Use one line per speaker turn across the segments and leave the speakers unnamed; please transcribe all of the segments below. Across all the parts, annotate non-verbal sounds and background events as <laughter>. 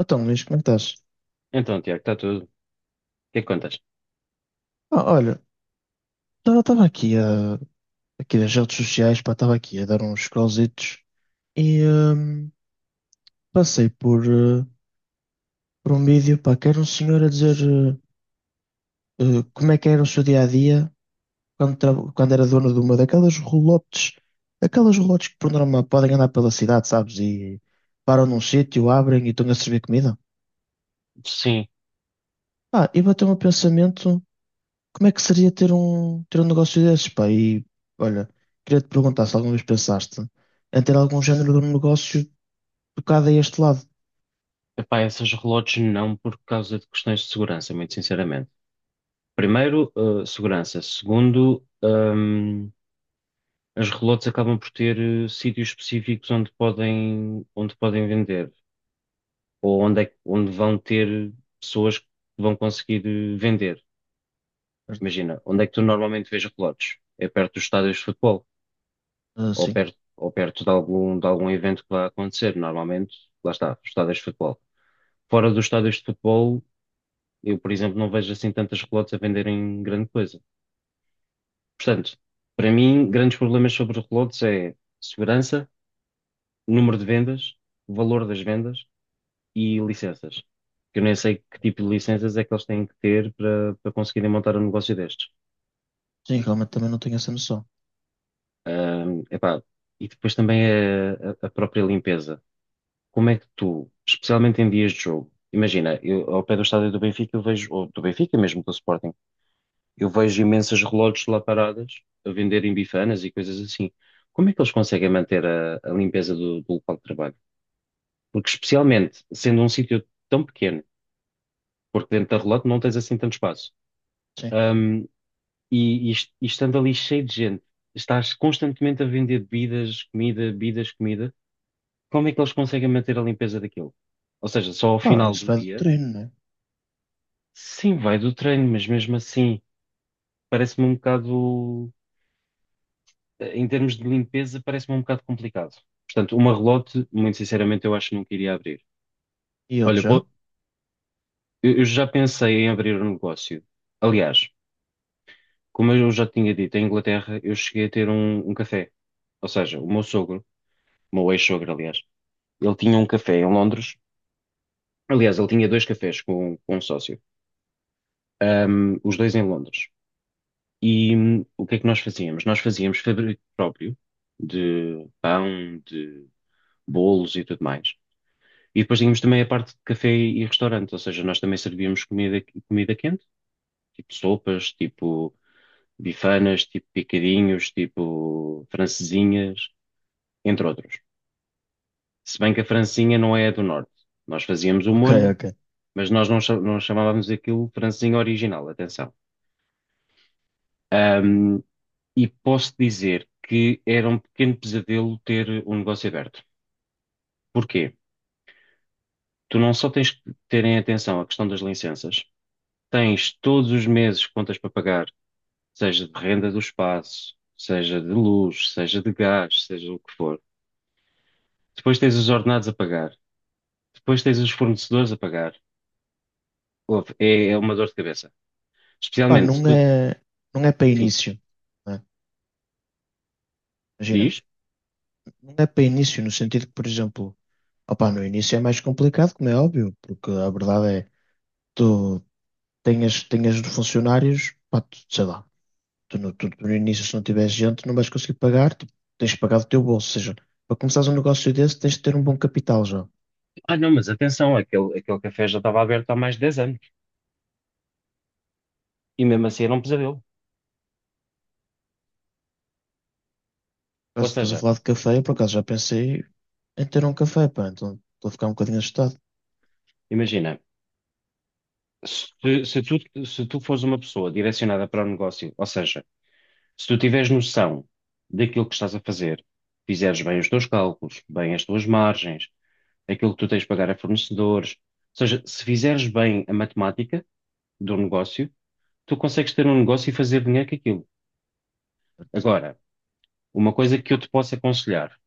Então, Luís, como é que estás?
Então, Tiago, está tudo. O que é que contas?
Ah, olha, estava aqui a, aqui nas redes sociais, pá, estava aqui a dar uns scrollzitos e passei por um vídeo, pá, que era um senhor a dizer como é que era o seu dia-a-dia quando, quando era dono de uma daquelas rolotes, aquelas rolotes que por norma podem andar pela cidade, sabes? E param num sítio, abrem e estão a servir comida.
Sim,
Ah, e bateu-me o pensamento: como é que seria ter um negócio desses, pá? E olha, queria te perguntar se alguma vez pensaste em ter algum género de um negócio tocado a este lado.
epá, essas relotes não por causa de questões de segurança, muito sinceramente. Primeiro, segurança. Segundo, as relotes acabam por ter sítios específicos onde podem vender, ou onde vão ter pessoas que vão conseguir vender.
Certo?
Imagina, onde é que tu normalmente vês relotes? É perto dos estádios de futebol,
Ah,
ou
sim,
perto, ou perto de algum evento que vai acontecer. Normalmente, lá está, estádios de futebol. Fora dos estádios de futebol, eu, por exemplo, não vejo assim tantas relotes a venderem grande coisa. Portanto, para mim, grandes problemas sobre relotes é segurança, número de vendas, valor das vendas e licenças. Que eu nem sei que tipo de licenças é que eles têm que ter para, para conseguirem montar um negócio destes.
sim, realmente também não tenho essa noção.
Epá, e depois também é a própria limpeza. Como é que tu, especialmente em dias de jogo, imagina, eu, ao pé do estádio do Benfica, eu vejo, ou do Benfica mesmo, do Sporting, eu vejo imensas relógios lá paradas a venderem bifanas e coisas assim. Como é que eles conseguem manter a limpeza do, do local de trabalho? Porque, especialmente, sendo um sítio tão pequeno, porque dentro da relógio não tens assim tanto espaço,
Sim.
hum, e estando ali cheio de gente, estás constantemente a vender bebidas, comida, como é que eles conseguem manter a limpeza daquilo? Ou seja, só ao
Pá,
final
isso
do
vai do
dia,
treino, né?
sim, vai do treino, mas mesmo assim, parece-me um bocado, em termos de limpeza, parece-me um bocado complicado. Portanto, uma relote, muito sinceramente, eu acho que nunca iria abrir.
E outro
Olha,
já?
pô, eu já pensei em abrir um negócio. Aliás, como eu já tinha dito, em Inglaterra eu cheguei a ter um café. Ou seja, o meu sogro, o meu ex-sogro, aliás, ele tinha um café em Londres. Aliás, ele tinha dois cafés com um sócio, os dois em Londres. E o que é que nós fazíamos? Nós fazíamos fabrico próprio de pão, de bolos e tudo mais. E depois tínhamos também a parte de café e restaurante, ou seja, nós também servíamos comida, comida quente, tipo sopas, tipo bifanas, tipo picadinhos, tipo francesinhas, entre outros. Se bem que a francesinha não é a do norte. Nós fazíamos o
Ok,
molho,
ok.
mas nós não, não chamávamos aquilo francesinha original, atenção. Ahm, e posso dizer que era um pequeno pesadelo ter um negócio aberto. Porquê? Tu não só tens que ter em atenção a questão das licenças, tens todos os meses contas para pagar, seja de renda do espaço, seja de luz, seja de gás, seja o que for. Depois tens os ordenados a pagar, depois tens os fornecedores a pagar. Ouve, é uma dor de cabeça.
Pá,
Especialmente se
não
tu,
é, não é para
enfim,
início, né? Imagina,
diz.
não é para início no sentido que, por exemplo, opá, no início é mais complicado, como é óbvio, porque a verdade é que tu tenhas funcionários, pá, tu, sei lá. Tu no início, se não tiveres gente, não vais conseguir pagar, tipo, tens de pagar do teu bolso. Ou seja, para começares um negócio desse, tens de ter um bom capital já.
Ah, não, mas atenção, aquele café já estava aberto há mais de 10 anos e mesmo assim era um pesadelo. Ou
Caso estás a
seja,
falar de café, eu por acaso já pensei em ter um café, pá, então estou a ficar um bocadinho assustado,
imagina, se tu fores uma pessoa direcionada para o negócio, ou seja, se tu tiveres noção daquilo que estás a fazer, fizeres bem os teus cálculos, bem as tuas margens, aquilo que tu tens de pagar a fornecedores. Ou seja, se fizeres bem a matemática do negócio, tu consegues ter um negócio e fazer dinheiro com aquilo. Agora, uma coisa que eu te posso aconselhar,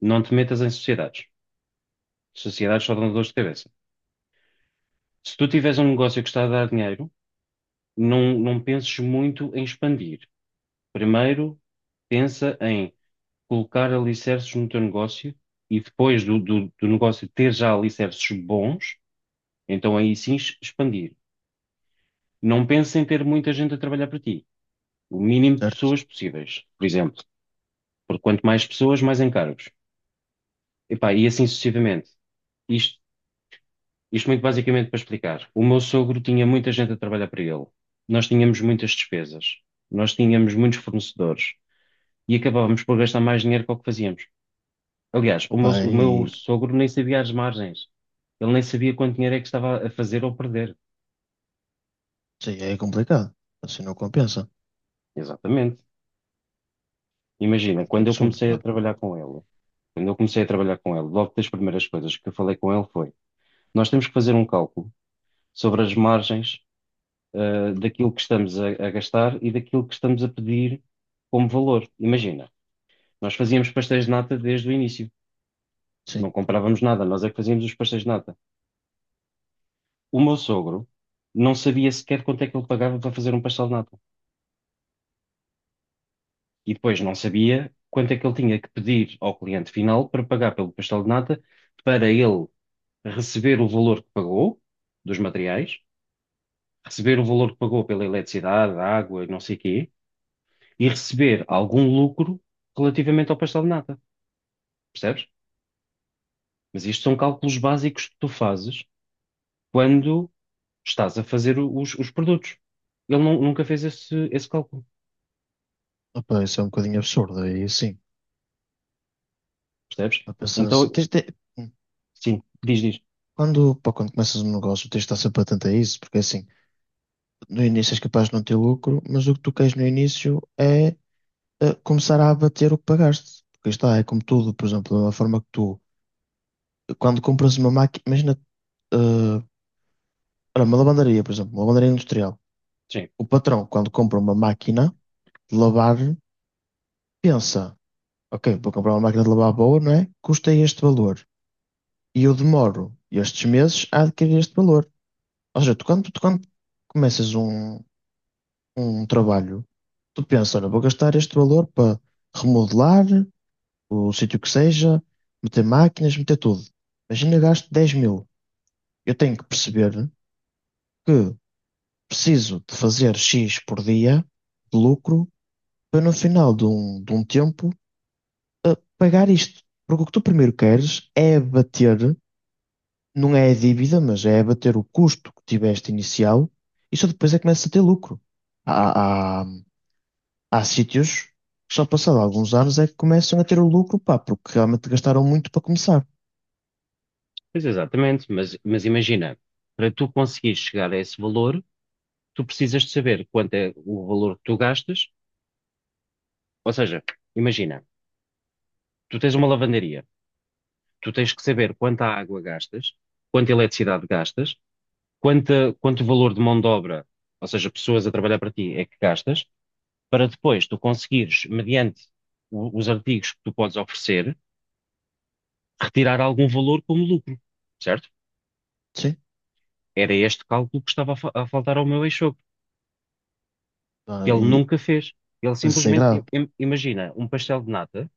não te metas em sociedades. Sociedades só dão dores de cabeça. Se tu tiveres um negócio que está a dar dinheiro, não, não penses muito em expandir. Primeiro, pensa em colocar alicerces no teu negócio e depois do negócio ter já alicerces bons, então aí sim expandir. Não penses em ter muita gente a trabalhar para ti. O mínimo de
certo?
pessoas possíveis, por exemplo. Porque quanto mais pessoas, mais encargos. Epá, e assim sucessivamente. Isto, isto muito basicamente para explicar. O meu sogro tinha muita gente a trabalhar para ele. Nós tínhamos muitas despesas. Nós tínhamos muitos fornecedores. E acabávamos por gastar mais dinheiro que o que fazíamos. Aliás, o meu,
Opa,
o meu
e
sogro nem sabia as margens. Ele nem sabia quanto dinheiro é que estava a fazer ou perder.
sim, é complicado. Assim não compensa. É
Exatamente.
um
Imagina,
bocadinho
quando eu
absurdo,
comecei a
pá.
trabalhar com ele, quando eu comecei a trabalhar com ele, logo das primeiras coisas que eu falei com ele foi: nós temos que fazer um cálculo sobre as margens, ah, daquilo que estamos a gastar e daquilo que estamos a pedir como valor. Imagina, nós fazíamos pastéis de nata desde o início, não
Sim.
comprávamos nada, nós é que fazíamos os pastéis de nata. O meu sogro não sabia sequer quanto é que ele pagava para fazer um pastel de nata e depois não sabia quanto é que ele tinha que pedir ao cliente final para pagar pelo pastel de nata para ele receber o valor que pagou dos materiais, receber o valor que pagou pela eletricidade, água e não sei quê, e receber algum lucro relativamente ao pastel de nata, percebes? Mas isto são cálculos básicos que tu fazes quando estás a fazer os produtos. Ele nunca fez esse cálculo,
Opa, isso é um bocadinho absurdo. Aí sim.
percebes?
A pensar assim.
Então, sim, diz, diz.
Pá, quando começas um negócio, tens de estar sempre atento a isso, porque assim, no início és capaz de não ter lucro, mas o que tu queres no início é a começar a abater o que pagaste. Porque é como tudo, por exemplo, da forma que tu, quando compras uma máquina, imagina, eh, olha, uma lavandaria, por exemplo, uma lavandaria industrial.
Sim,
O patrão, quando compra uma máquina de lavar, pensa, ok, vou comprar uma máquina de lavar boa, não é? Custa este valor. E eu demoro estes meses a adquirir este valor. Ou seja, tu quando começas um trabalho, tu pensas, olha, vou gastar este valor para remodelar, o sítio que seja, meter máquinas, meter tudo. Imagina gasto 10 mil. Eu tenho que perceber que preciso de fazer X por dia de lucro para no final de um tempo pagar isto. Porque o que tu primeiro queres é abater, não é a dívida, mas é abater o custo que tiveste inicial e só depois é que começas a ter lucro. Há, há, há sítios que só passado alguns anos é que começam a ter o lucro, pá, porque realmente gastaram muito para começar.
pois exatamente, mas imagina, para tu conseguires chegar a esse valor, tu precisas de saber quanto é o valor que tu gastas, ou seja, imagina, tu tens uma lavandaria, tu tens que saber quanta água gastas, quanta eletricidade gastas, quanto valor de mão de obra, ou seja, pessoas a trabalhar para ti, é que gastas, para depois tu conseguires, mediante os artigos que tu podes oferecer, retirar algum valor como lucro, certo?
Sim.
Era este cálculo que estava a faltar ao meu ex-sogro, que
Ah,
ele nunca fez. Ele
isso é
simplesmente, im-
grave.
im- imagina, um pastel de nata,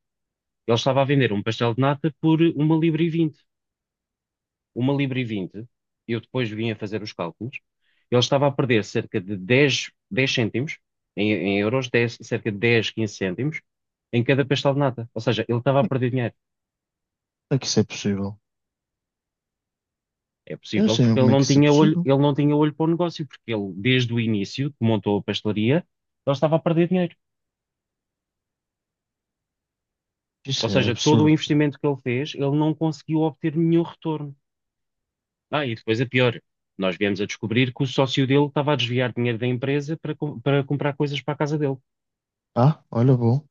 ele estava a vender um pastel de nata por £1,20. £1,20, eu depois vim a fazer os cálculos, ele estava a perder cerca de 10 10 cêntimos, em euros, 10, cerca de 10 15 cêntimos, em cada pastel de nata. Ou seja, ele estava a
Como
perder dinheiro.
é que isso é possível?
É
Eu não
possível
sei
porque ele
como é que
não
isso é
tinha olho,
possível.
ele não tinha olho para o negócio, porque ele, desde o início, que montou a pastelaria, ele estava a perder dinheiro. Ou
Isso é
seja, todo o
absurdo.
investimento que ele fez, ele não conseguiu obter nenhum retorno. Ah, e depois é pior. Nós viemos a descobrir que o sócio dele estava a desviar dinheiro da empresa para, para comprar coisas para a casa dele.
Ah, olha, bom.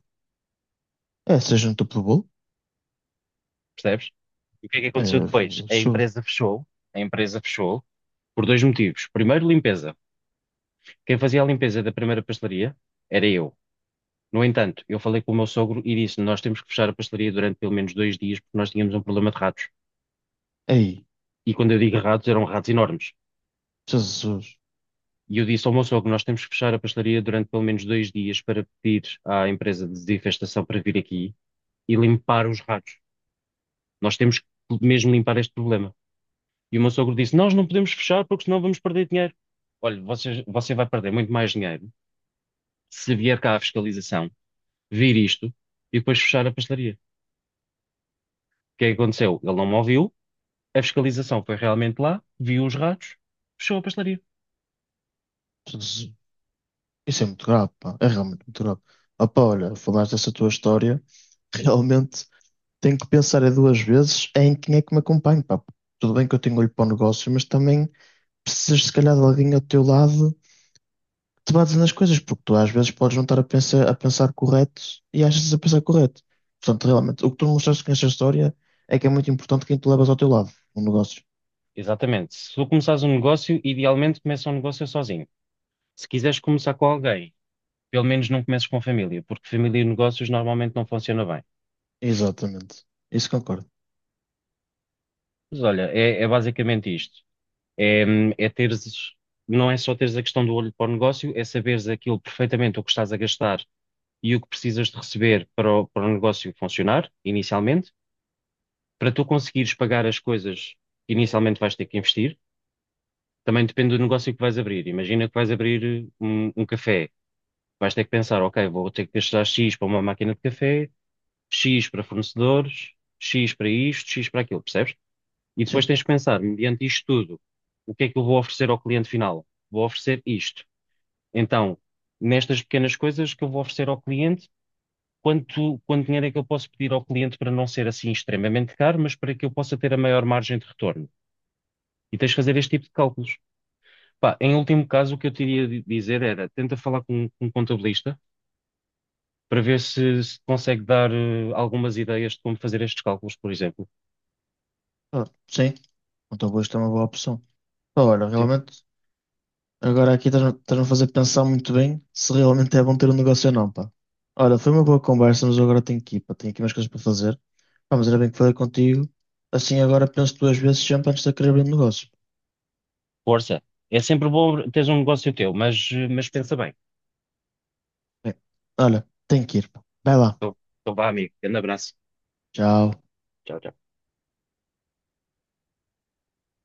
É, seja no topo do bolo.
Percebes? E o que é que
É
aconteceu depois?
absurdo.
A empresa fechou por dois motivos. Primeiro, limpeza. Quem fazia a limpeza da primeira pastelaria era eu. No entanto, eu falei com o meu sogro e disse: "Nós temos que fechar a pastelaria durante pelo menos 2 dias porque nós tínhamos um problema de ratos."
Ei,
E quando eu digo ratos, eram ratos enormes.
Jesus.
E eu disse ao meu sogro: "Nós temos que fechar a pastelaria durante pelo menos dois dias para pedir à empresa de desinfestação para vir aqui e limpar os ratos. Nós temos que mesmo limpar este problema." E o meu sogro disse: "Nós não podemos fechar porque senão vamos perder dinheiro." Olha, você, você vai perder muito mais dinheiro se vier cá a fiscalização, vir isto e depois fechar a pastelaria. O que é que aconteceu? Ele não me ouviu, a fiscalização foi realmente lá, viu os ratos, fechou a pastelaria.
Jesus. Isso é muito grave, pá. É realmente muito grave. Opa, olha, falaste dessa tua história. <laughs> Realmente tenho que pensar é duas vezes em quem é que me acompanha, pá. Tudo bem que eu tenho olho para o negócio, mas também precisas, se calhar, de alguém ao teu lado te bases nas coisas, porque tu às vezes podes não estar a pensar correto e achas a pensar correto. Portanto, realmente, o que tu mostraste com esta história é que é muito importante quem tu levas ao teu lado, no negócio.
Exatamente. Se tu começares um negócio, idealmente começa um negócio sozinho. Se quiseres começar com alguém, pelo menos não comeces com família, porque família e negócios normalmente não funciona bem.
Exatamente. Isso concordo.
Mas olha, é basicamente isto. É, é teres, não é só teres a questão do olho para o negócio, é saberes aquilo perfeitamente o que estás a gastar e o que precisas de receber para o negócio funcionar, inicialmente, para tu conseguires pagar as coisas que inicialmente vais ter que investir. Também depende do negócio que vais abrir. Imagina que vais abrir um café. Vais ter que pensar, ok, vou ter que gastar X para uma máquina de café, X para fornecedores, X para isto, X para aquilo, percebes? E depois
Sim.
tens que pensar, mediante isto tudo, o que é que eu vou oferecer ao cliente final? Vou oferecer isto. Então, nestas pequenas coisas que eu vou oferecer ao cliente, quanto, quanto dinheiro é que eu posso pedir ao cliente para não ser assim extremamente caro, mas para que eu possa ter a maior margem de retorno? E tens de fazer este tipo de cálculos. Pá, em último caso, o que eu te iria dizer era, tenta falar com um contabilista para ver se, se consegue dar algumas ideias de como fazer estes cálculos, por exemplo.
Ah, sim. Então, vou isto é uma boa opção. Pá, olha,
Sim.
realmente, agora aqui estás-me a fazer pensar muito bem se realmente é bom ter um negócio ou não, pá. Olha, foi uma boa conversa, mas eu agora tenho que ir, pá. Tenho aqui umas coisas para fazer. Pá, mas era bem que falei contigo. Assim, agora penso duas vezes sempre antes de querer abrir um negócio.
Força. É sempre bom teres um negócio teu, mas, mas pensa bem.
Bem, olha, tenho que ir, pá. Vai lá.
Então, então vá, amigo. Grande abraço.
Tchau.
Tchau, tchau.